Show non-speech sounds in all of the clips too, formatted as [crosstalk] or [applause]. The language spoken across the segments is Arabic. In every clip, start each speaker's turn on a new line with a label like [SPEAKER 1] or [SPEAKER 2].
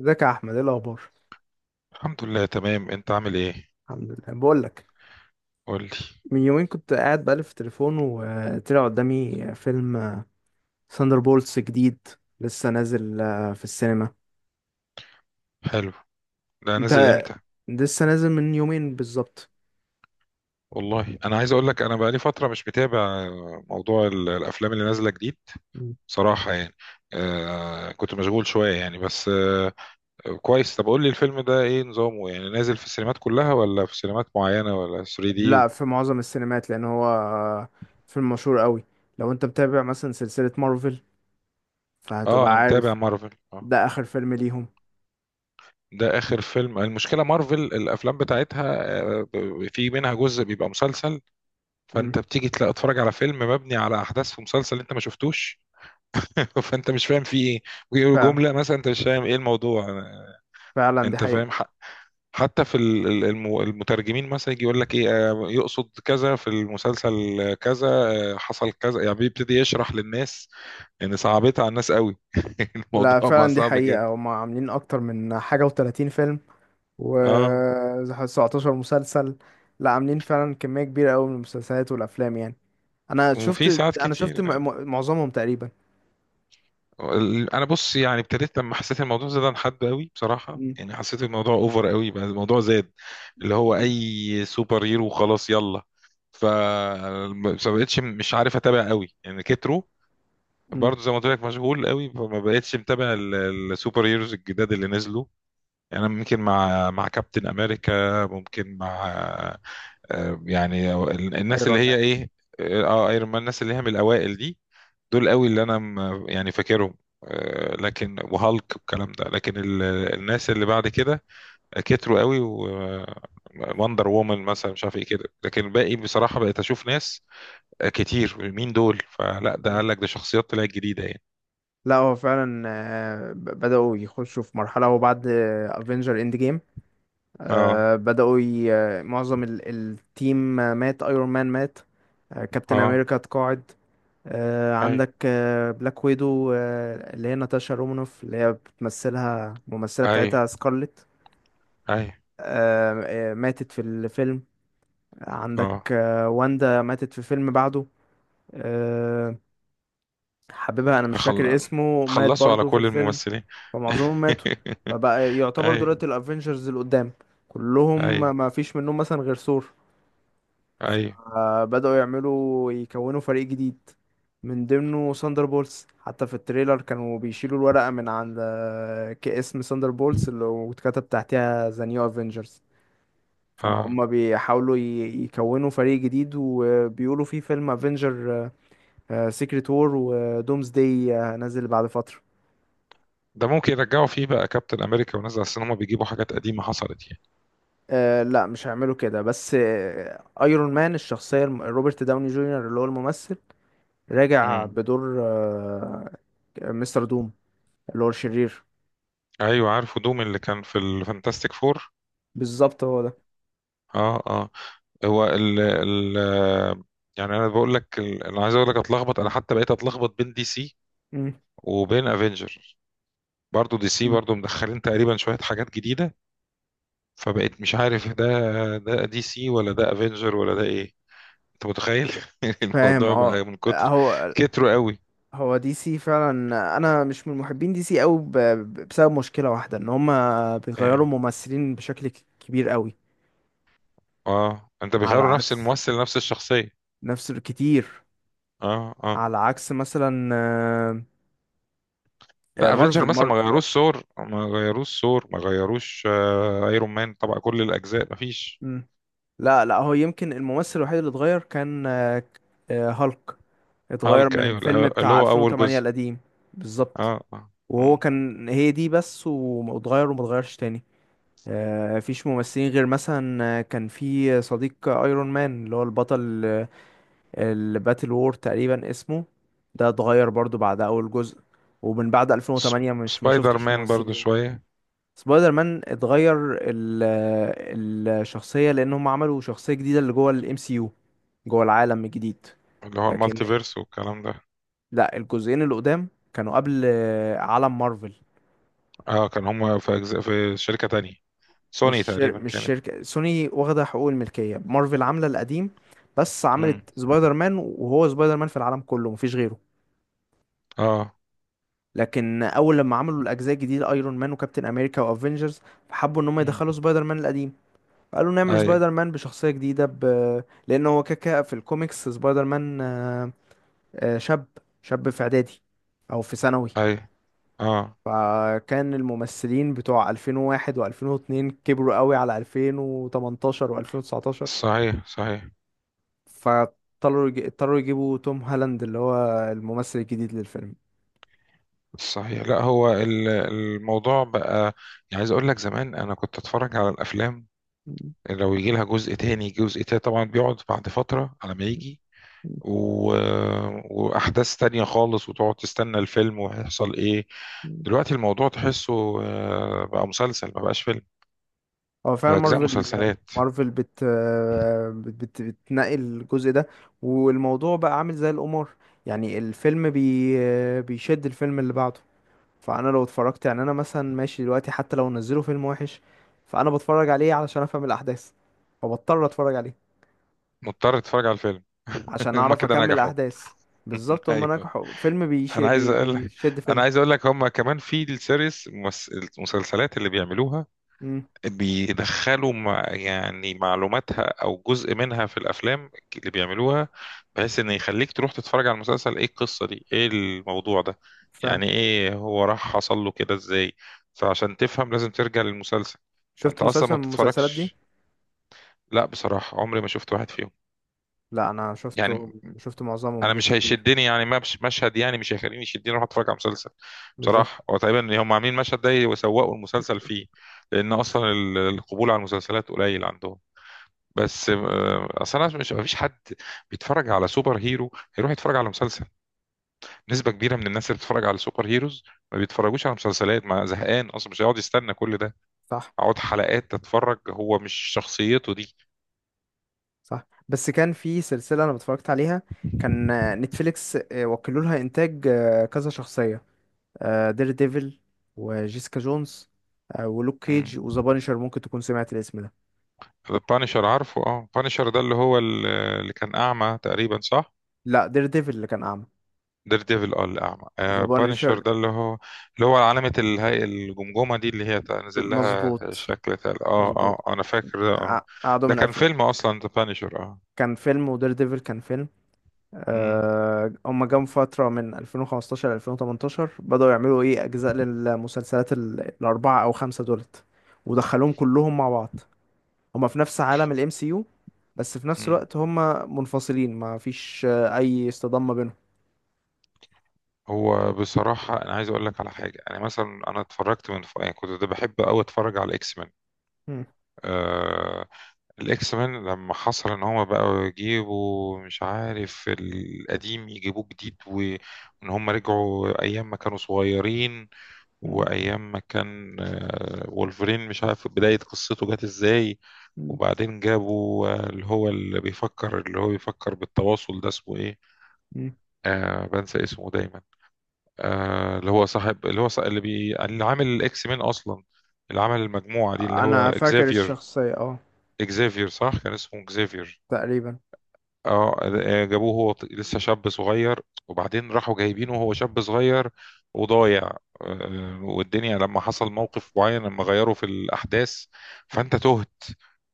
[SPEAKER 1] ازيك يا احمد، ايه الاخبار؟
[SPEAKER 2] الحمد لله تمام. انت عامل ايه؟
[SPEAKER 1] الحمد لله، بقول لك.
[SPEAKER 2] قول لي.
[SPEAKER 1] من يومين كنت قاعد بقلب في تليفون وطلع قدامي فيلم ثاندر بولتس جديد. لسه نازل في السينما.
[SPEAKER 2] حلو. ده نازل
[SPEAKER 1] انت.
[SPEAKER 2] امتى؟
[SPEAKER 1] لسه نازل من يومين بالظبط.
[SPEAKER 2] والله انا عايز اقول لك انا بقالي فتره مش متابع موضوع الافلام اللي نازله جديد.
[SPEAKER 1] مم.
[SPEAKER 2] بصراحه يعني كنت مشغول شويه يعني. بس كويس. طب قول لي الفيلم ده ايه نظامه؟ يعني نازل في السينمات كلها ولا في سينمات معينه ولا 3 دي
[SPEAKER 1] لا في معظم السينمات لان هو فيلم مشهور قوي. لو انت متابع مثلا سلسلة مارفل
[SPEAKER 2] اه
[SPEAKER 1] فهتبقى
[SPEAKER 2] انا متابع
[SPEAKER 1] عارف.
[SPEAKER 2] مارفل اه.
[SPEAKER 1] ده اخر فيلم ليهم.
[SPEAKER 2] ده اخر فيلم. المشكله مارفل الافلام بتاعتها في منها جزء بيبقى مسلسل. فانت
[SPEAKER 1] مم،
[SPEAKER 2] بتيجي تلاقي اتفرج على فيلم مبني على احداث في مسلسل انت ما شفتوش. فانت مش فاهم في ايه. ممكن يقولوا
[SPEAKER 1] فعلا.
[SPEAKER 2] جمله مثلا انت مش فاهم ايه الموضوع.
[SPEAKER 1] فعلا دي
[SPEAKER 2] انت
[SPEAKER 1] حقيقة.
[SPEAKER 2] فاهم حتى في المترجمين مثلا يجي يقول لك ايه، يقصد كذا في المسلسل، كذا، حصل كذا، يعني بيبتدي يشرح للناس. ان صعبتها على الناس قوي. [laughs]
[SPEAKER 1] لا
[SPEAKER 2] الموضوع بقى
[SPEAKER 1] فعلا دي
[SPEAKER 2] صعب
[SPEAKER 1] حقيقة،
[SPEAKER 2] جدا.
[SPEAKER 1] هما عاملين اكتر من حاجة و30 فيلم
[SPEAKER 2] اه،
[SPEAKER 1] و17 مسلسل. لا عاملين فعلا كمية كبيرة قوي من المسلسلات والأفلام يعني. أنا
[SPEAKER 2] وفي
[SPEAKER 1] شفت
[SPEAKER 2] ساعات
[SPEAKER 1] أنا
[SPEAKER 2] كتير.
[SPEAKER 1] شفت معظمهم تقريبا.
[SPEAKER 2] انا بص يعني ابتديت لما حسيت الموضوع زاد عن حد قوي. بصراحه
[SPEAKER 1] مم.
[SPEAKER 2] يعني حسيت الموضوع اوفر قوي، بقى الموضوع زاد. اللي هو
[SPEAKER 1] مم.
[SPEAKER 2] اي سوبر هيرو خلاص يلا. ف ما بقتش مش عارف اتابع قوي يعني، كتروا.
[SPEAKER 1] مم.
[SPEAKER 2] برضه زي ما قلت لك مشغول قوي، فما بقتش متابع السوبر هيروز الجداد اللي نزلوا. يعني انا ممكن مع كابتن امريكا، ممكن مع، يعني الناس اللي
[SPEAKER 1] ايرون
[SPEAKER 2] هي
[SPEAKER 1] مان.
[SPEAKER 2] ايه. اه ايرون مان، الناس اللي هي من الاوائل دي، دول قوي اللي انا يعني فاكرهم، لكن وهالك والكلام ده. لكن الناس اللي بعد كده كتروا قوي. ووندر وومن مثلا، مش عارف ايه كده، لكن الباقي بصراحة بقيت اشوف ناس كتير، مين دول؟ فلا ده
[SPEAKER 1] مم.
[SPEAKER 2] قال لك ده شخصيات طلعت جديدة يعني.
[SPEAKER 1] لا هو فعلا بدأوا يخشوا في مرحلة، وبعد افنجر اند جيم
[SPEAKER 2] اه
[SPEAKER 1] بدأوا ي... آه، معظم التيم مات. ايرون مان مات. كابتن
[SPEAKER 2] اه.
[SPEAKER 1] امريكا اتقاعد.
[SPEAKER 2] اي
[SPEAKER 1] عندك بلاك ويدو، اللي هي ناتاشا رومانوف، اللي هي بتمثلها الممثلة
[SPEAKER 2] اي
[SPEAKER 1] بتاعتها سكارلت.
[SPEAKER 2] اي.
[SPEAKER 1] آه، ماتت في الفيلم. عندك
[SPEAKER 2] اه
[SPEAKER 1] واندا، ماتت في فيلم بعده. آه، حبيبها انا مش فاكر
[SPEAKER 2] خل...
[SPEAKER 1] اسمه، مات
[SPEAKER 2] خلصوا على
[SPEAKER 1] برضه في
[SPEAKER 2] كل
[SPEAKER 1] الفيلم.
[SPEAKER 2] الممثلين.
[SPEAKER 1] فمعظمهم ماتوا. فبقى
[SPEAKER 2] [laughs]
[SPEAKER 1] يعتبر
[SPEAKER 2] اي
[SPEAKER 1] دلوقتي الافينجرز اللي قدام كلهم
[SPEAKER 2] اي
[SPEAKER 1] ما فيش منهم مثلا غير ثور.
[SPEAKER 2] اي.
[SPEAKER 1] بدأوا يعملوا يكونوا فريق جديد من ضمنه ساندر بولز. حتى في التريلر كانوا بيشيلوا الورقة من عند كاسم ساندر بولز اللي واتكتب تحتها ذا نيو افينجرز.
[SPEAKER 2] اه،
[SPEAKER 1] فهم بيحاولوا يكونوا فريق جديد، وبيقولوا في فيلم افنجر سيكريت وور ودومز داي نازل بعد فترة.
[SPEAKER 2] ده ممكن يرجعوا فيه بقى كابتن امريكا ونزل، اصل هما بيجيبوا حاجات قديمة حصلت.
[SPEAKER 1] لا مش هيعملوا كده. بس ايرون مان الشخصية روبرت داوني جونيور اللي هو الممثل راجع
[SPEAKER 2] يعني
[SPEAKER 1] بدور مستر دوم، اللي هو الشرير.
[SPEAKER 2] ايوه، عارفه دوم اللي كان في الفانتاستيك فور.
[SPEAKER 1] بالظبط هو ده.
[SPEAKER 2] اه اه. هو ال ال يعني انا بقول لك انا عايز اقول لك اتلخبط. انا حتى بقيت اتلخبط بين دي سي
[SPEAKER 1] مم.
[SPEAKER 2] وبين افنجر. برضو دي سي
[SPEAKER 1] مم.
[SPEAKER 2] برضو مدخلين تقريبا شوية حاجات جديدة. فبقيت مش عارف، ده دي سي ولا ده افنجر ولا ده ايه. انت متخيل؟ [laughs]
[SPEAKER 1] فاهم،
[SPEAKER 2] الموضوع
[SPEAKER 1] اه.
[SPEAKER 2] بقى من كتر
[SPEAKER 1] اهو.
[SPEAKER 2] كتره قوي.
[SPEAKER 1] هو دي سي فعلا. انا مش من محبين دي سي قوي، بسبب مشكله واحده ان هما بيغيروا
[SPEAKER 2] اه.
[SPEAKER 1] ممثلين بشكل كبير قوي.
[SPEAKER 2] آه. انت
[SPEAKER 1] على
[SPEAKER 2] بيغيروا نفس
[SPEAKER 1] عكس
[SPEAKER 2] الممثل نفس الشخصية؟
[SPEAKER 1] نفس الكتير.
[SPEAKER 2] اه اه.
[SPEAKER 1] على عكس مثلا
[SPEAKER 2] لا افنجر
[SPEAKER 1] مارفل.
[SPEAKER 2] مثلا ما
[SPEAKER 1] مارفل.
[SPEAKER 2] غيروش ثور، ما غيروش ثور، ما غيروش ايرون مان طبعا كل الاجزاء ما فيش.
[SPEAKER 1] مم. لا لا، هو يمكن الممثل الوحيد اللي اتغير كان هالك. اتغير
[SPEAKER 2] هالك
[SPEAKER 1] من
[SPEAKER 2] ايوه،
[SPEAKER 1] الفيلم
[SPEAKER 2] اللي
[SPEAKER 1] بتاع
[SPEAKER 2] هو اول
[SPEAKER 1] 2008
[SPEAKER 2] جزء.
[SPEAKER 1] القديم. بالظبط.
[SPEAKER 2] اه. آه.
[SPEAKER 1] وهو
[SPEAKER 2] مم.
[SPEAKER 1] كان هي دي بس، واتغير وما اتغيرش تاني. فيش ممثلين غير مثلا كان في صديق ايرون مان اللي هو البطل الباتل وور تقريبا اسمه. ده اتغير برضو بعد اول جزء. ومن بعد
[SPEAKER 2] سب-
[SPEAKER 1] 2008 مش ما
[SPEAKER 2] سبايدر
[SPEAKER 1] شفتش
[SPEAKER 2] مان برضو
[SPEAKER 1] ممثلين.
[SPEAKER 2] شويه.
[SPEAKER 1] سبايدر مان اتغير ال آه، الشخصية، لان هم عملوا شخصية جديدة اللي جوه الام سي يو، جوه العالم الجديد.
[SPEAKER 2] اللي هو المالتي
[SPEAKER 1] لكن
[SPEAKER 2] فيرس والكلام ده.
[SPEAKER 1] لا، الجزئين اللي قدام كانوا قبل عالم مارفل.
[SPEAKER 2] اه، كان هم في أجزاء في شركه تانية، سوني تقريبا
[SPEAKER 1] مش
[SPEAKER 2] كانت.
[SPEAKER 1] شركة سوني واخدة حقوق الملكية مارفل عاملة القديم، بس
[SPEAKER 2] مم.
[SPEAKER 1] عملت سبايدر مان وهو سبايدر مان في العالم كله مفيش غيره.
[SPEAKER 2] اه.
[SPEAKER 1] لكن اول لما عملوا الاجزاء الجديدة ايرون مان وكابتن امريكا وافنجرز، فحبوا ان هم
[SPEAKER 2] مم.
[SPEAKER 1] يدخلوا سبايدر مان القديم. فقالوا نعمل
[SPEAKER 2] اي
[SPEAKER 1] سبايدر مان بشخصية جديدة ب... لان هو كاكا في الكوميكس سبايدر مان شاب. شاب في اعدادي او في ثانوي.
[SPEAKER 2] اي. اه.
[SPEAKER 1] فكان الممثلين بتوع 2001 و2002 كبروا قوي على 2018 و2019.
[SPEAKER 2] صحيح صحيح.
[SPEAKER 1] اضطروا يجيبوا توم هالاند اللي هو الممثل الجديد للفيلم.
[SPEAKER 2] صحيح. لا هو الموضوع بقى، يعني عايز اقول لك زمان انا كنت اتفرج على الافلام. لو يجي لها جزء تاني جزء تاني طبعا بيقعد بعد فترة على ما يجي. و... آه، وأحداث تانية خالص، وتقعد تستنى الفيلم وهيحصل إيه. دلوقتي الموضوع تحسه بقى مسلسل ما بقاش فيلم،
[SPEAKER 1] هو فعلا
[SPEAKER 2] أجزاء
[SPEAKER 1] مارفل.
[SPEAKER 2] مسلسلات.
[SPEAKER 1] مارفل بت بت بت بتنقي الجزء ده، والموضوع بقى عامل زي القمار. يعني الفيلم بيشد الفيلم اللي بعده. فانا لو اتفرجت يعني، انا مثلا ماشي دلوقتي، حتى لو نزلوا فيلم وحش فانا بتفرج عليه علشان افهم الاحداث، فبضطر اتفرج عليه
[SPEAKER 2] مضطر تتفرج على الفيلم. [laughs]
[SPEAKER 1] عشان
[SPEAKER 2] هما
[SPEAKER 1] اعرف
[SPEAKER 2] كده
[SPEAKER 1] اكمل
[SPEAKER 2] نجحوا.
[SPEAKER 1] الاحداث. بالظبط،
[SPEAKER 2] [laughs]
[SPEAKER 1] هما
[SPEAKER 2] ايوه.
[SPEAKER 1] نجحوا. فيلم
[SPEAKER 2] انا عايز اقول لك،
[SPEAKER 1] بيشد
[SPEAKER 2] انا
[SPEAKER 1] فيلم.
[SPEAKER 2] عايز اقول لك هما كمان في السيريس، المسلسلات اللي بيعملوها
[SPEAKER 1] امم
[SPEAKER 2] بيدخلوا مع يعني معلوماتها او جزء منها في الافلام اللي بيعملوها، بحيث ان يخليك تروح تتفرج على المسلسل، ايه القصه دي، ايه الموضوع ده،
[SPEAKER 1] فعلا.
[SPEAKER 2] يعني ايه هو راح حصل له كده ازاي. فعشان تفهم لازم ترجع للمسلسل. فانت
[SPEAKER 1] شفت
[SPEAKER 2] اصلا ما
[SPEAKER 1] مسلسل من المسلسلات دي؟
[SPEAKER 2] بتتفرجش. لا بصراحه عمري ما شفت واحد فيهم.
[SPEAKER 1] لا انا
[SPEAKER 2] يعني
[SPEAKER 1] شفته، شفت معظمهم
[SPEAKER 2] انا
[SPEAKER 1] جزء
[SPEAKER 2] مش
[SPEAKER 1] كبير.
[SPEAKER 2] هيشدني، يعني ما مش مشهد يعني مش هيخليني يشدني اروح اتفرج على مسلسل.
[SPEAKER 1] بالظبط.
[SPEAKER 2] بصراحه هو تقريبا هم عاملين المشهد ده يسوقوا المسلسل فيه، لان اصلا القبول على المسلسلات قليل عندهم. بس اصل انا مش، مفيش حد بيتفرج على سوبر هيرو هيروح يتفرج على مسلسل. نسبه كبيره من الناس اللي بتتفرج على سوبر هيروز ما بيتفرجوش على مسلسلات، ما زهقان اصلا مش هيقعد يستنى كل ده،
[SPEAKER 1] صح،
[SPEAKER 2] اقعد حلقات اتفرج، هو مش شخصيته دي.
[SPEAKER 1] صح. بس كان في سلسله انا اتفرجت عليها، كان نتفليكس وكلوا لها انتاج كذا شخصيه: دير ديفل وجيسيكا جونز، ولوك
[SPEAKER 2] امم.
[SPEAKER 1] كيج وذا بانشر. ممكن تكون سمعت الاسم ده.
[SPEAKER 2] البانشر عارفه اه. بانشر ده اللي هو اللي كان اعمى تقريبا، صح؟
[SPEAKER 1] لا دير ديفل اللي كان اعمى.
[SPEAKER 2] دير ديفل، اه، الأعمى.
[SPEAKER 1] ذا
[SPEAKER 2] آه، بانشر
[SPEAKER 1] بانشر.
[SPEAKER 2] ده اللي هو، اللي هو علامة الجمجمة دي، اللي هي تنزل لها
[SPEAKER 1] مظبوط،
[SPEAKER 2] شكل اه اه.
[SPEAKER 1] مظبوط.
[SPEAKER 2] آه، أنا فاكر ده اه.
[SPEAKER 1] قعدوا
[SPEAKER 2] ده
[SPEAKER 1] من
[SPEAKER 2] كان
[SPEAKER 1] الف.
[SPEAKER 2] فيلم أصلا ذا بانشر اه.
[SPEAKER 1] كان فيلم، ودير ديفل كان فيلم.
[SPEAKER 2] مم.
[SPEAKER 1] هما جم فترة من 2015 ل 2018 بدأوا يعملوا ايه أجزاء للمسلسلات الأربعة أو خمسة دولت، ودخلوهم كلهم مع بعض. هما في نفس عالم ال MCU، بس في نفس
[SPEAKER 2] مم.
[SPEAKER 1] الوقت هما منفصلين ما فيش أي اصطدام ما بينهم.
[SPEAKER 2] هو بصراحة أنا عايز أقول لك على حاجة. أنا مثلا أنا اتفرجت من يعني كنت ده بحب أوي أتفرج على الإكس مان.
[SPEAKER 1] مم.
[SPEAKER 2] آه... الإكس مان لما حصل إن هما بقوا يجيبوا، مش عارف، القديم يجيبوه جديد، وإن هما رجعوا أيام ما كانوا صغيرين،
[SPEAKER 1] مم.
[SPEAKER 2] وايام ما كان وولفرين، مش عارف بداية قصته جت ازاي.
[SPEAKER 1] مم.
[SPEAKER 2] وبعدين جابوا اللي هو اللي بيفكر، اللي هو بيفكر بالتواصل ده، اسمه ايه،
[SPEAKER 1] مم.
[SPEAKER 2] بنسى اسمه دايما. اللي هو صاحب، اللي هو صاحب، اللي عامل الاكس مين اصلا، اللي عمل المجموعة دي، اللي هو
[SPEAKER 1] أنا فاكر
[SPEAKER 2] اكزافير.
[SPEAKER 1] الشخصية، اه.
[SPEAKER 2] اكزافير، صح، كان اسمه اكزافير.
[SPEAKER 1] تقريبا.
[SPEAKER 2] اه جابوه هو لسه شاب صغير. وبعدين راحوا جايبينه وهو شاب صغير وضايع. والدنيا لما حصل موقف معين، لما غيروا في الأحداث،
[SPEAKER 1] مم.
[SPEAKER 2] فأنت تهت،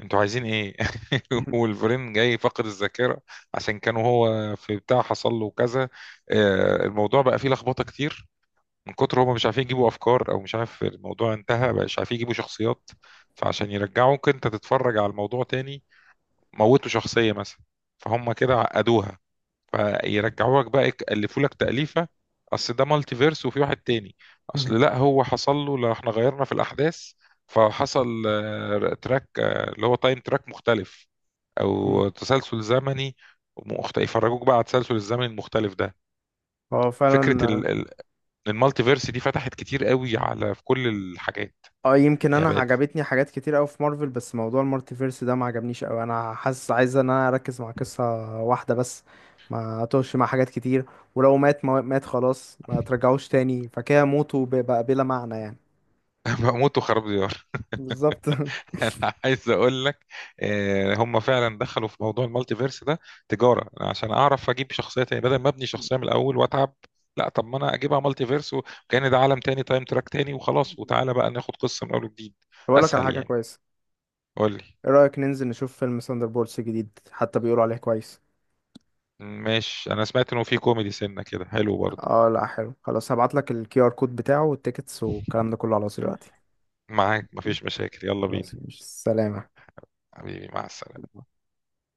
[SPEAKER 2] انتوا عايزين ايه. [laughs] والفرين جاي فاقد الذاكرة عشان كانوا هو في بتاع حصل له كذا. الموضوع بقى فيه لخبطة كتير. من كتر هما مش عارفين يجيبوا أفكار، أو مش عارف الموضوع انتهى، بقى مش عارفين يجيبوا شخصيات، فعشان يرجعوك انت تتفرج على الموضوع تاني، موتوا شخصية مثلا فهم كده عقدوها. فيرجعوا لك بقى يألفوا لك تأليفة، أصل ده مالتي فيرس وفي واحد تاني،
[SPEAKER 1] مم.
[SPEAKER 2] أصل لا هو حصل له، لو احنا غيرنا في الأحداث فحصل تراك، اللي هو تايم تراك مختلف
[SPEAKER 1] مم.
[SPEAKER 2] أو تسلسل زمني يفرجوك بقى على التسلسل الزمني المختلف ده.
[SPEAKER 1] هو
[SPEAKER 2] فكرة
[SPEAKER 1] فعلا.
[SPEAKER 2] المالتي فيرس دي فتحت كتير قوي على في كل الحاجات،
[SPEAKER 1] اه يمكن
[SPEAKER 2] يعني
[SPEAKER 1] انا
[SPEAKER 2] بقت.
[SPEAKER 1] عجبتني حاجات كتير قوي في مارفل، بس موضوع المالتيفيرس ده ما عجبنيش قوي. انا حاسس عايز ان انا اركز مع قصة واحدة بس، ما اتوش مع حاجات كتير. ولو مات ما مات خلاص ما
[SPEAKER 2] [laughs]
[SPEAKER 1] ترجعوش تاني، فكده موته بقى بلا معنى يعني.
[SPEAKER 2] بموت وخراب ديار.
[SPEAKER 1] بالظبط. [laughs]
[SPEAKER 2] [laughs] انا عايز اقول لك هم فعلا دخلوا في موضوع المالتي فيرس ده تجاره. أنا عشان اعرف اجيب شخصيه تاني بدل ما ابني شخصيه من الاول واتعب، لا طب ما انا اجيبها مالتي فيرس وكان ده عالم تاني تايم تراك تاني وخلاص، وتعالى بقى ناخد قصه من اول وجديد.
[SPEAKER 1] بقول لك على
[SPEAKER 2] اسهل
[SPEAKER 1] حاجة
[SPEAKER 2] يعني.
[SPEAKER 1] كويسة.
[SPEAKER 2] قول لي.
[SPEAKER 1] ايه رأيك ننزل نشوف فيلم بولس جديد؟ حتى بيقولوا عليه كويس.
[SPEAKER 2] ماشي، انا سمعت انه في كوميدي سنه كده، حلو برضه.
[SPEAKER 1] اه لا، حلو. خلاص هبعت لك الكي ار كود بتاعه والتيكتس والكلام ده كله على طول دلوقتي.
[SPEAKER 2] معاك، مفيش مشاكل، يلا بينا.
[SPEAKER 1] خلاص، مش سلامة.
[SPEAKER 2] حبيبي، مع السلامه.